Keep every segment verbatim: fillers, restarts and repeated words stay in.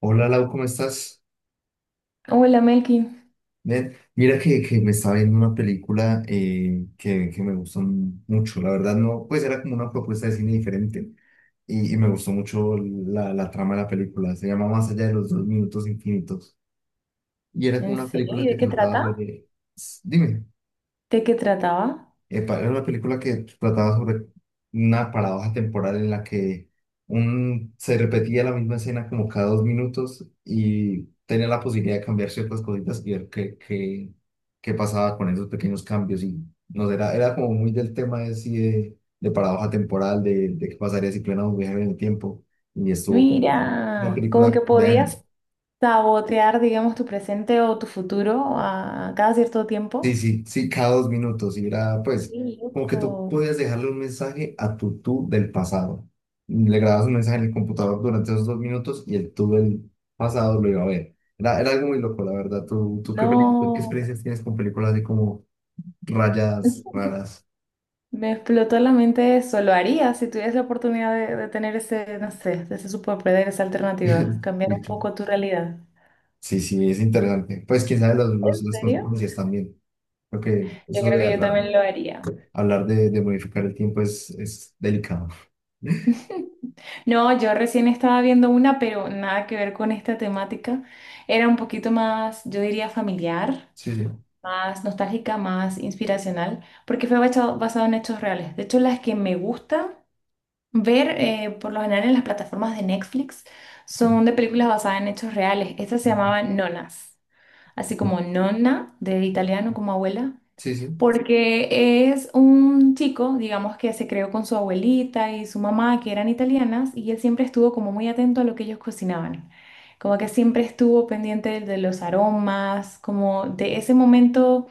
Hola Lau, ¿cómo estás? Hola Melkin, Bien, mira que, que me estaba viendo una película eh, que, que me gustó mucho, la verdad. No, pues era como una propuesta de cine diferente y, y me gustó mucho la, la trama de la película, se llama Más allá de los dos minutos infinitos y era como ¿en una serio? película ¿Y que de qué trataba trata? sobre... Dime. ¿De qué trataba? Epa, era una película que trataba sobre una paradoja temporal en la que un, se repetía la misma escena como cada dos minutos y tenía la posibilidad de cambiar ciertas cositas y ver qué, qué, qué pasaba con esos pequeños cambios. Y nos era, era como muy del tema de, sí, de, de paradoja temporal, de, de qué pasaría si plena un viaje en el tiempo. Y estuvo pues, una Mira, como que película, vean. podías sabotear, digamos, tu presente o tu futuro a cada cierto Sí, tiempo. sí, sí, cada dos minutos. Y era, Qué pues, como que tú loco. podías dejarle un mensaje a tu tú del pasado. Le grababas un mensaje en el computador durante esos dos minutos y el tú del pasado lo iba a ver. Era, era algo muy loco, la verdad. ¿Tú, tú qué, película- qué No, experiencias tienes con películas así como rayas raras? me explotó la mente eso. Lo haría si tuvieras la oportunidad de, de tener ese, no sé, ese superpoder, esa alternativa, cambiar un ¿Vicky? poco tu realidad. Sí, sí, es interesante. Pues, quién sabe los, los, ¿En las serio? consecuencias también. Creo que Yo eso creo de que yo hablar, también lo haría. hablar de, de modificar el tiempo es, es delicado. No, yo recién estaba viendo una, pero nada que ver con esta temática. Era un poquito más, yo diría, familiar, Sí, sí. más nostálgica, más inspiracional, porque fue basado, basado en hechos reales. De hecho, las que me gusta ver, eh, por lo general en las plataformas de Netflix, Sí. son de películas basadas en hechos reales. Esta se llamaba Nonas, así No. como nonna de italiano, como abuela, Sí, sí. porque es un chico, digamos, que se creó con su abuelita y su mamá, que eran italianas, y él siempre estuvo como muy atento a lo que ellos cocinaban, como que siempre estuvo pendiente de, de los aromas, como de ese momento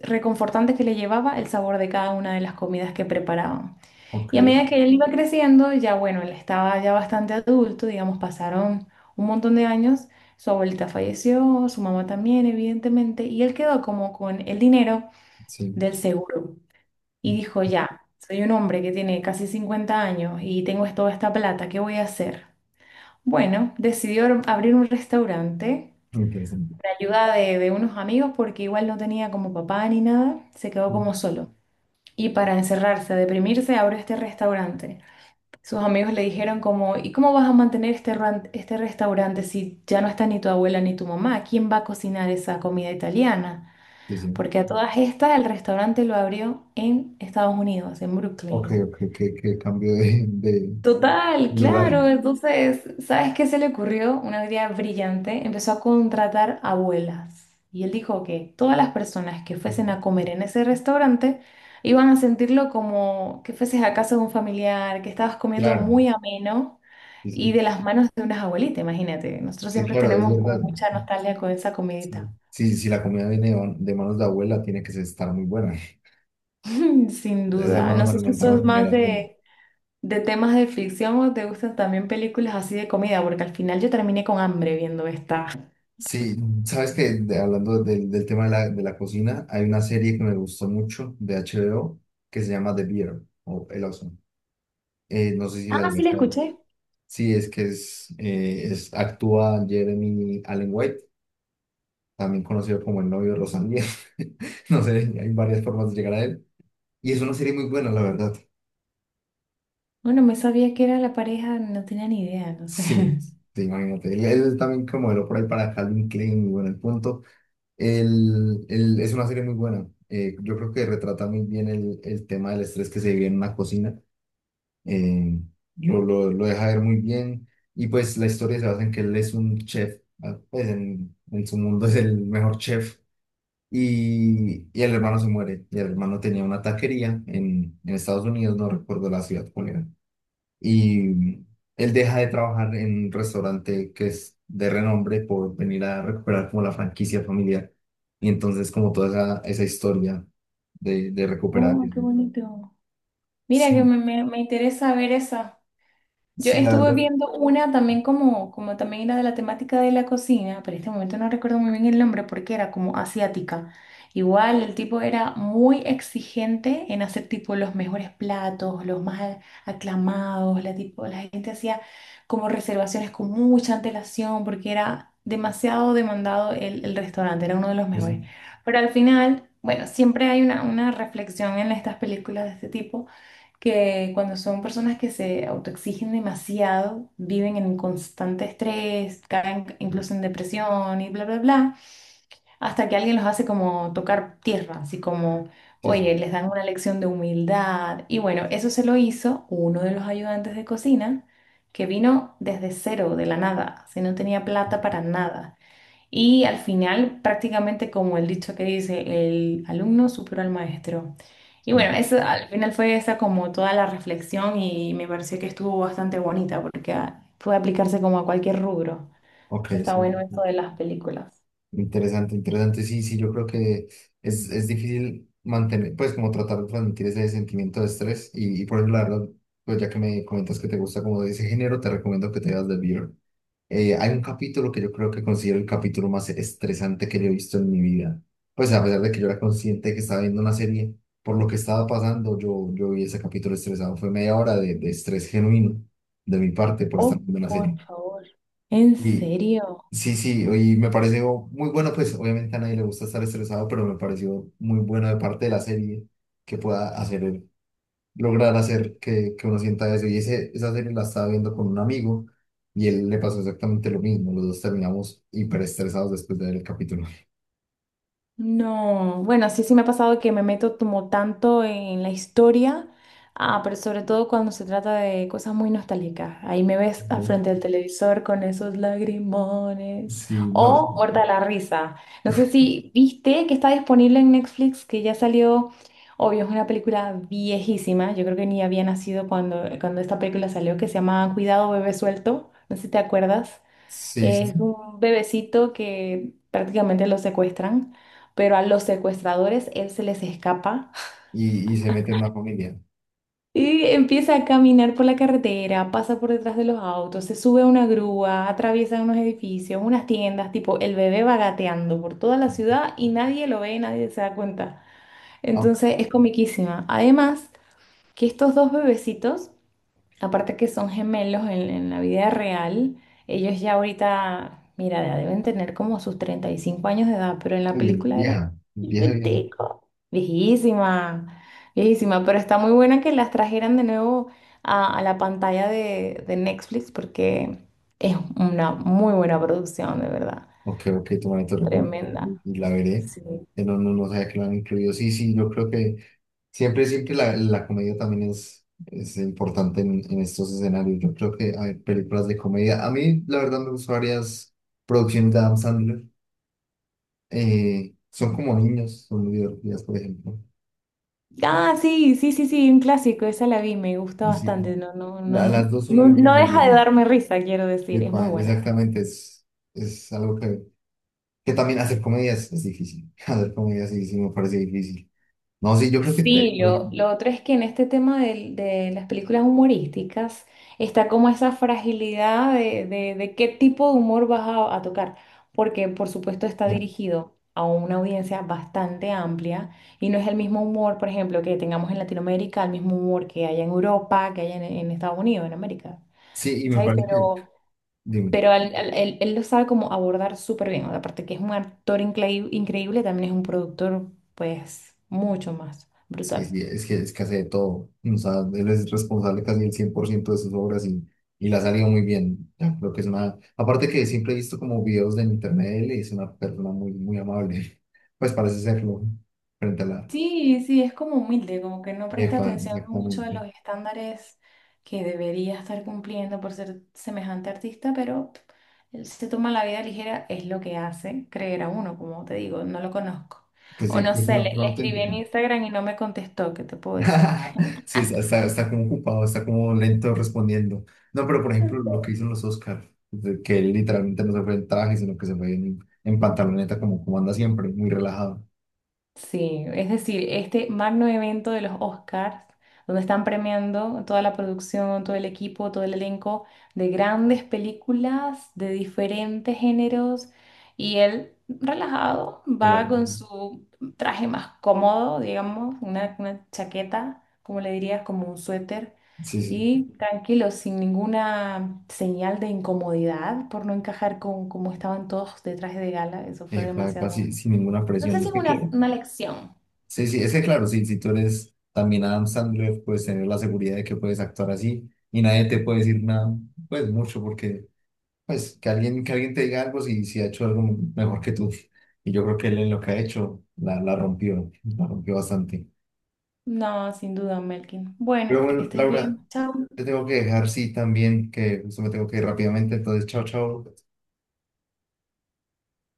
reconfortante que le llevaba el sabor de cada una de las comidas que preparaban. Ok, Y a medida que él iba creciendo, ya bueno, él estaba ya bastante adulto, digamos, pasaron un montón de años. Su abuelita falleció, su mamá también, evidentemente, y él quedó como con el dinero sí. del seguro y dijo, ya, soy un hombre que tiene casi cincuenta años y tengo toda esta plata, ¿qué voy a hacer? Bueno, decidió ar- abrir un restaurante, Muy interesante. la ayuda de, de unos amigos, porque igual no tenía como papá ni nada, se quedó como solo. Y para encerrarse, a deprimirse, abrió este restaurante. Sus amigos le dijeron como, ¿y cómo vas a mantener este, ran- este restaurante si ya no está ni tu abuela ni tu mamá? ¿Quién va a cocinar esa comida italiana? Sí, sí. Porque a todas estas el restaurante lo abrió en Estados Unidos, en Ok, Brooklyn. ok, qué, qué cambio de, de Total, lugar. claro. Entonces, ¿sabes qué se le ocurrió? Una idea brillante. Empezó a contratar abuelas. Y él dijo que todas las personas que fuesen a comer en ese restaurante iban a sentirlo como que fueses a casa de un familiar, que estabas comiendo Claro, muy ameno sí, y sí. de las manos de unas abuelitas, imagínate. Nosotros Sí, siempre claro, es tenemos como verdad. mucha nostalgia con esa Sí, comidita. sí, si la comida viene de de manos de abuela, tiene que estar muy buena. Sin Esas duda. No manos sé si sos alimentaron más generaciones. de, De temas de ficción o te gustan también películas así de comida, porque al final yo terminé con hambre viendo esta. Sí, sabes que hablando del del tema de la, de la cocina, hay una serie que me gustó mucho de H B O que se llama The Bear o El Oso. Eh, no sé si la Ah, sí, la viste. escuché. Sí, es que es, eh, es actúa Jeremy Allen White, también conocido como el novio de Rosalía. No sé, hay varias formas de llegar a él. Y es una serie muy buena, la verdad. Bueno, me sabía que era la pareja, no tenía ni idea, no sé. Sí, sí, imagínate. Él, él es también como el lo por ahí para Calvin Klein, bueno, el punto. Él, él- es una serie muy buena. Eh, yo creo que retrata muy bien el, el tema del estrés que se vive en una cocina. Eh, lo, lo, lo deja ver muy bien. Y pues la historia se basa en que él es un chef. ah, Pues en, en su mundo es el mejor chef. Y, y el hermano se muere. Y el hermano tenía una taquería en, en Estados Unidos, no recuerdo la ciudad cuál era. Y él deja de trabajar en un restaurante que es de renombre por venir a recuperar como la franquicia familiar. Y entonces como toda esa, esa historia de, de recuperar Oh, eso. qué bonito. Mira que Sí, me, me- me interesa ver eso. Yo sí, la estuve verdad. viendo una también como, como también era de la temática de la cocina, pero en este momento no recuerdo muy bien el nombre porque era como asiática. Igual el tipo era muy exigente en hacer tipo los mejores platos, los más a- aclamados, la, tipo, la gente hacía como reservaciones con mucha antelación porque era demasiado demandado el, el restaurante, era uno de los Sí, mejores. sí, Pero al final, bueno, siempre hay una, una reflexión en estas películas de este tipo que cuando son personas que se autoexigen demasiado, viven en constante estrés, caen incluso en depresión y bla, bla, bla, hasta que alguien los hace como tocar tierra, así como, sí, sí. oye, les dan una lección de humildad. Y bueno, eso se lo hizo uno de los ayudantes de cocina, que vino desde cero, de la nada, se no tenía plata para nada. Y al final, prácticamente como el dicho que dice, el alumno superó al maestro. Y Sí. bueno, eso al final fue esa como toda la reflexión y me pareció que estuvo bastante bonita porque ah, puede aplicarse como a cualquier rubro. Ok, Entonces, está sí. bueno esto Sí. de las películas. Interesante, interesante. Sí, sí, yo creo que es, es difícil mantener, pues como tratar de transmitir ese sentimiento de estrés y, y por ejemplo, la verdad, pues ya que me comentas que te gusta como de ese género, te recomiendo que te veas The Bear. Eh, hay un capítulo que yo creo que considero el capítulo más estresante que yo he visto en mi vida. Pues a pesar de que yo era consciente de que estaba viendo una serie, por lo que estaba pasando, yo, yo vi ese capítulo estresado. Fue media hora de, de estrés genuino de mi parte por estar Oh, viendo una por serie. favor. ¿En Y, serio? Sí, sí, y me pareció muy bueno, pues obviamente a nadie le gusta estar estresado, pero me pareció muy bueno de parte de la serie que pueda hacer, lograr hacer que, que uno sienta eso. Y ese, esa serie la estaba viendo con un amigo y él le pasó exactamente lo mismo. Los dos terminamos hiperestresados después de ver el capítulo. No, bueno, sí, sí me ha pasado que me meto como tanto en la historia, ah, pero sobre todo cuando se trata de cosas muy nostálgicas. Ahí me ves al ¿No? frente del televisor con esos lagrimones. Sí, no, O muerta de la risa. No sé si viste que está disponible en Netflix, que ya salió, obvio, es una película viejísima. Yo creo que ni había nacido cuando, cuando esta película salió, que se llama Cuidado, bebé suelto. No sé si te acuerdas. sí, sí, Es un bebecito que prácticamente lo secuestran, pero a los secuestradores él se les escapa y, y se mete en una familia. y empieza a caminar por la carretera, pasa por detrás de los autos, se sube a una grúa, atraviesa unos edificios, unas tiendas, tipo el bebé va gateando por toda la ciudad y nadie lo ve, nadie se da cuenta. Ah, Entonces es comiquísima. Además, que estos dos bebecitos, aparte que son gemelos en, en la vida real, ellos ya ahorita, mira, ya deben tener como sus treinta y cinco años de edad, pero en la muy bien, película era vieja, vieja, vieja. chiquitico, viejísima, viejísima, pero está muy buena que las trajeran de nuevo a, a la pantalla de, de Netflix porque es una muy buena producción, de verdad, Ok, ok, tu manito recomienda tremenda. y la veré. Sí. Eh, No, no, no sabía que la han incluido. Sí, sí, yo creo que. Siempre, siempre la, la comedia también es, es importante en, en estos escenarios. Yo creo que hay películas de comedia. A mí, la verdad, me gustan varias producciones de Adam Sandler. Eh, son como niños, son muy divertidas, por ejemplo. Ah, sí, sí, sí, sí, un clásico, esa la vi, me gusta Y sí, bastante, no, no, no, la- las dos son no, muy no buenas, la deja de verdad. darme risa, quiero decir, es Epa, muy buena. exactamente, es, es algo que, que también hacer comedia es, es difícil. Hacer comedia sí, sí me parece difícil. No, sí, yo creo que... de- Sí, lo, lo otro es que en este tema del- de, las películas humorísticas está como esa fragilidad de, de- de qué tipo de humor vas a, a tocar, porque por supuesto está dirigido a una audiencia bastante amplia y no es el mismo humor, por ejemplo, que tengamos en Latinoamérica, el mismo humor que hay en Europa, que hay en, en Estados Unidos, en América, Sí, y me ¿cachai? parece que... Pero, dime. pero al- al- él, él lo sabe como abordar súper bien, aparte que es un actor increí- increíble, también es un productor pues mucho más Sí, brutal. sí, es que, es que hace de todo. O sea, él es responsable casi el cien por ciento de sus obras y, y la ha salido muy bien. Ya, creo que es una... Aparte que siempre he visto como videos de internet de él y es una persona muy, muy amable. Pues parece serlo frente a la Sí, sí, es como humilde, como que no presta EFA, atención mucho a los exactamente. estándares que debería estar cumpliendo por ser semejante artista, pero pff, él se toma la vida ligera, es lo que hace creer a uno, como te digo, no lo conozco. Que O sí, no que es sé, una le, persona le escribí en auténtica. Instagram y no me contestó, ¿qué te puedo decir? Sí, está, está, está como ocupado, está como lento respondiendo. No, pero por ejemplo, lo que hizo en los Oscars, que él literalmente no se fue en traje, sino que se fue en, en pantaloneta como, como anda siempre, muy relajado. Sí, es decir, este magno evento de los Oscars, donde están premiando toda la producción, todo el equipo, todo el elenco de grandes películas de diferentes géneros, y él relajado va con Relajado. su traje más cómodo, digamos, una, una chaqueta, como le dirías, como un suéter, Sí, sí, y tranquilo, sin ninguna señal de incomodidad por no encajar con cómo estaban todos de traje de gala, eso fue eh, pa- pa- demasiado. sí, sin ninguna No presión. sé si Es es que una, claro. una lección. Sí, sí, es que claro, sí, si tú eres también Adam Sandler, puedes tener la seguridad de que puedes actuar así y nadie te puede decir nada, pues mucho, porque pues que alguien, que alguien te diga algo si, si ha hecho algo mejor que tú. Y yo creo que él en lo que ha hecho la, la rompió, la rompió bastante. No, sin duda, Melkin. Bueno, Pero que bueno, estés Laura, bien. Chao. te tengo que dejar, sí, también, que justo me tengo que ir rápidamente, entonces, chao, chao.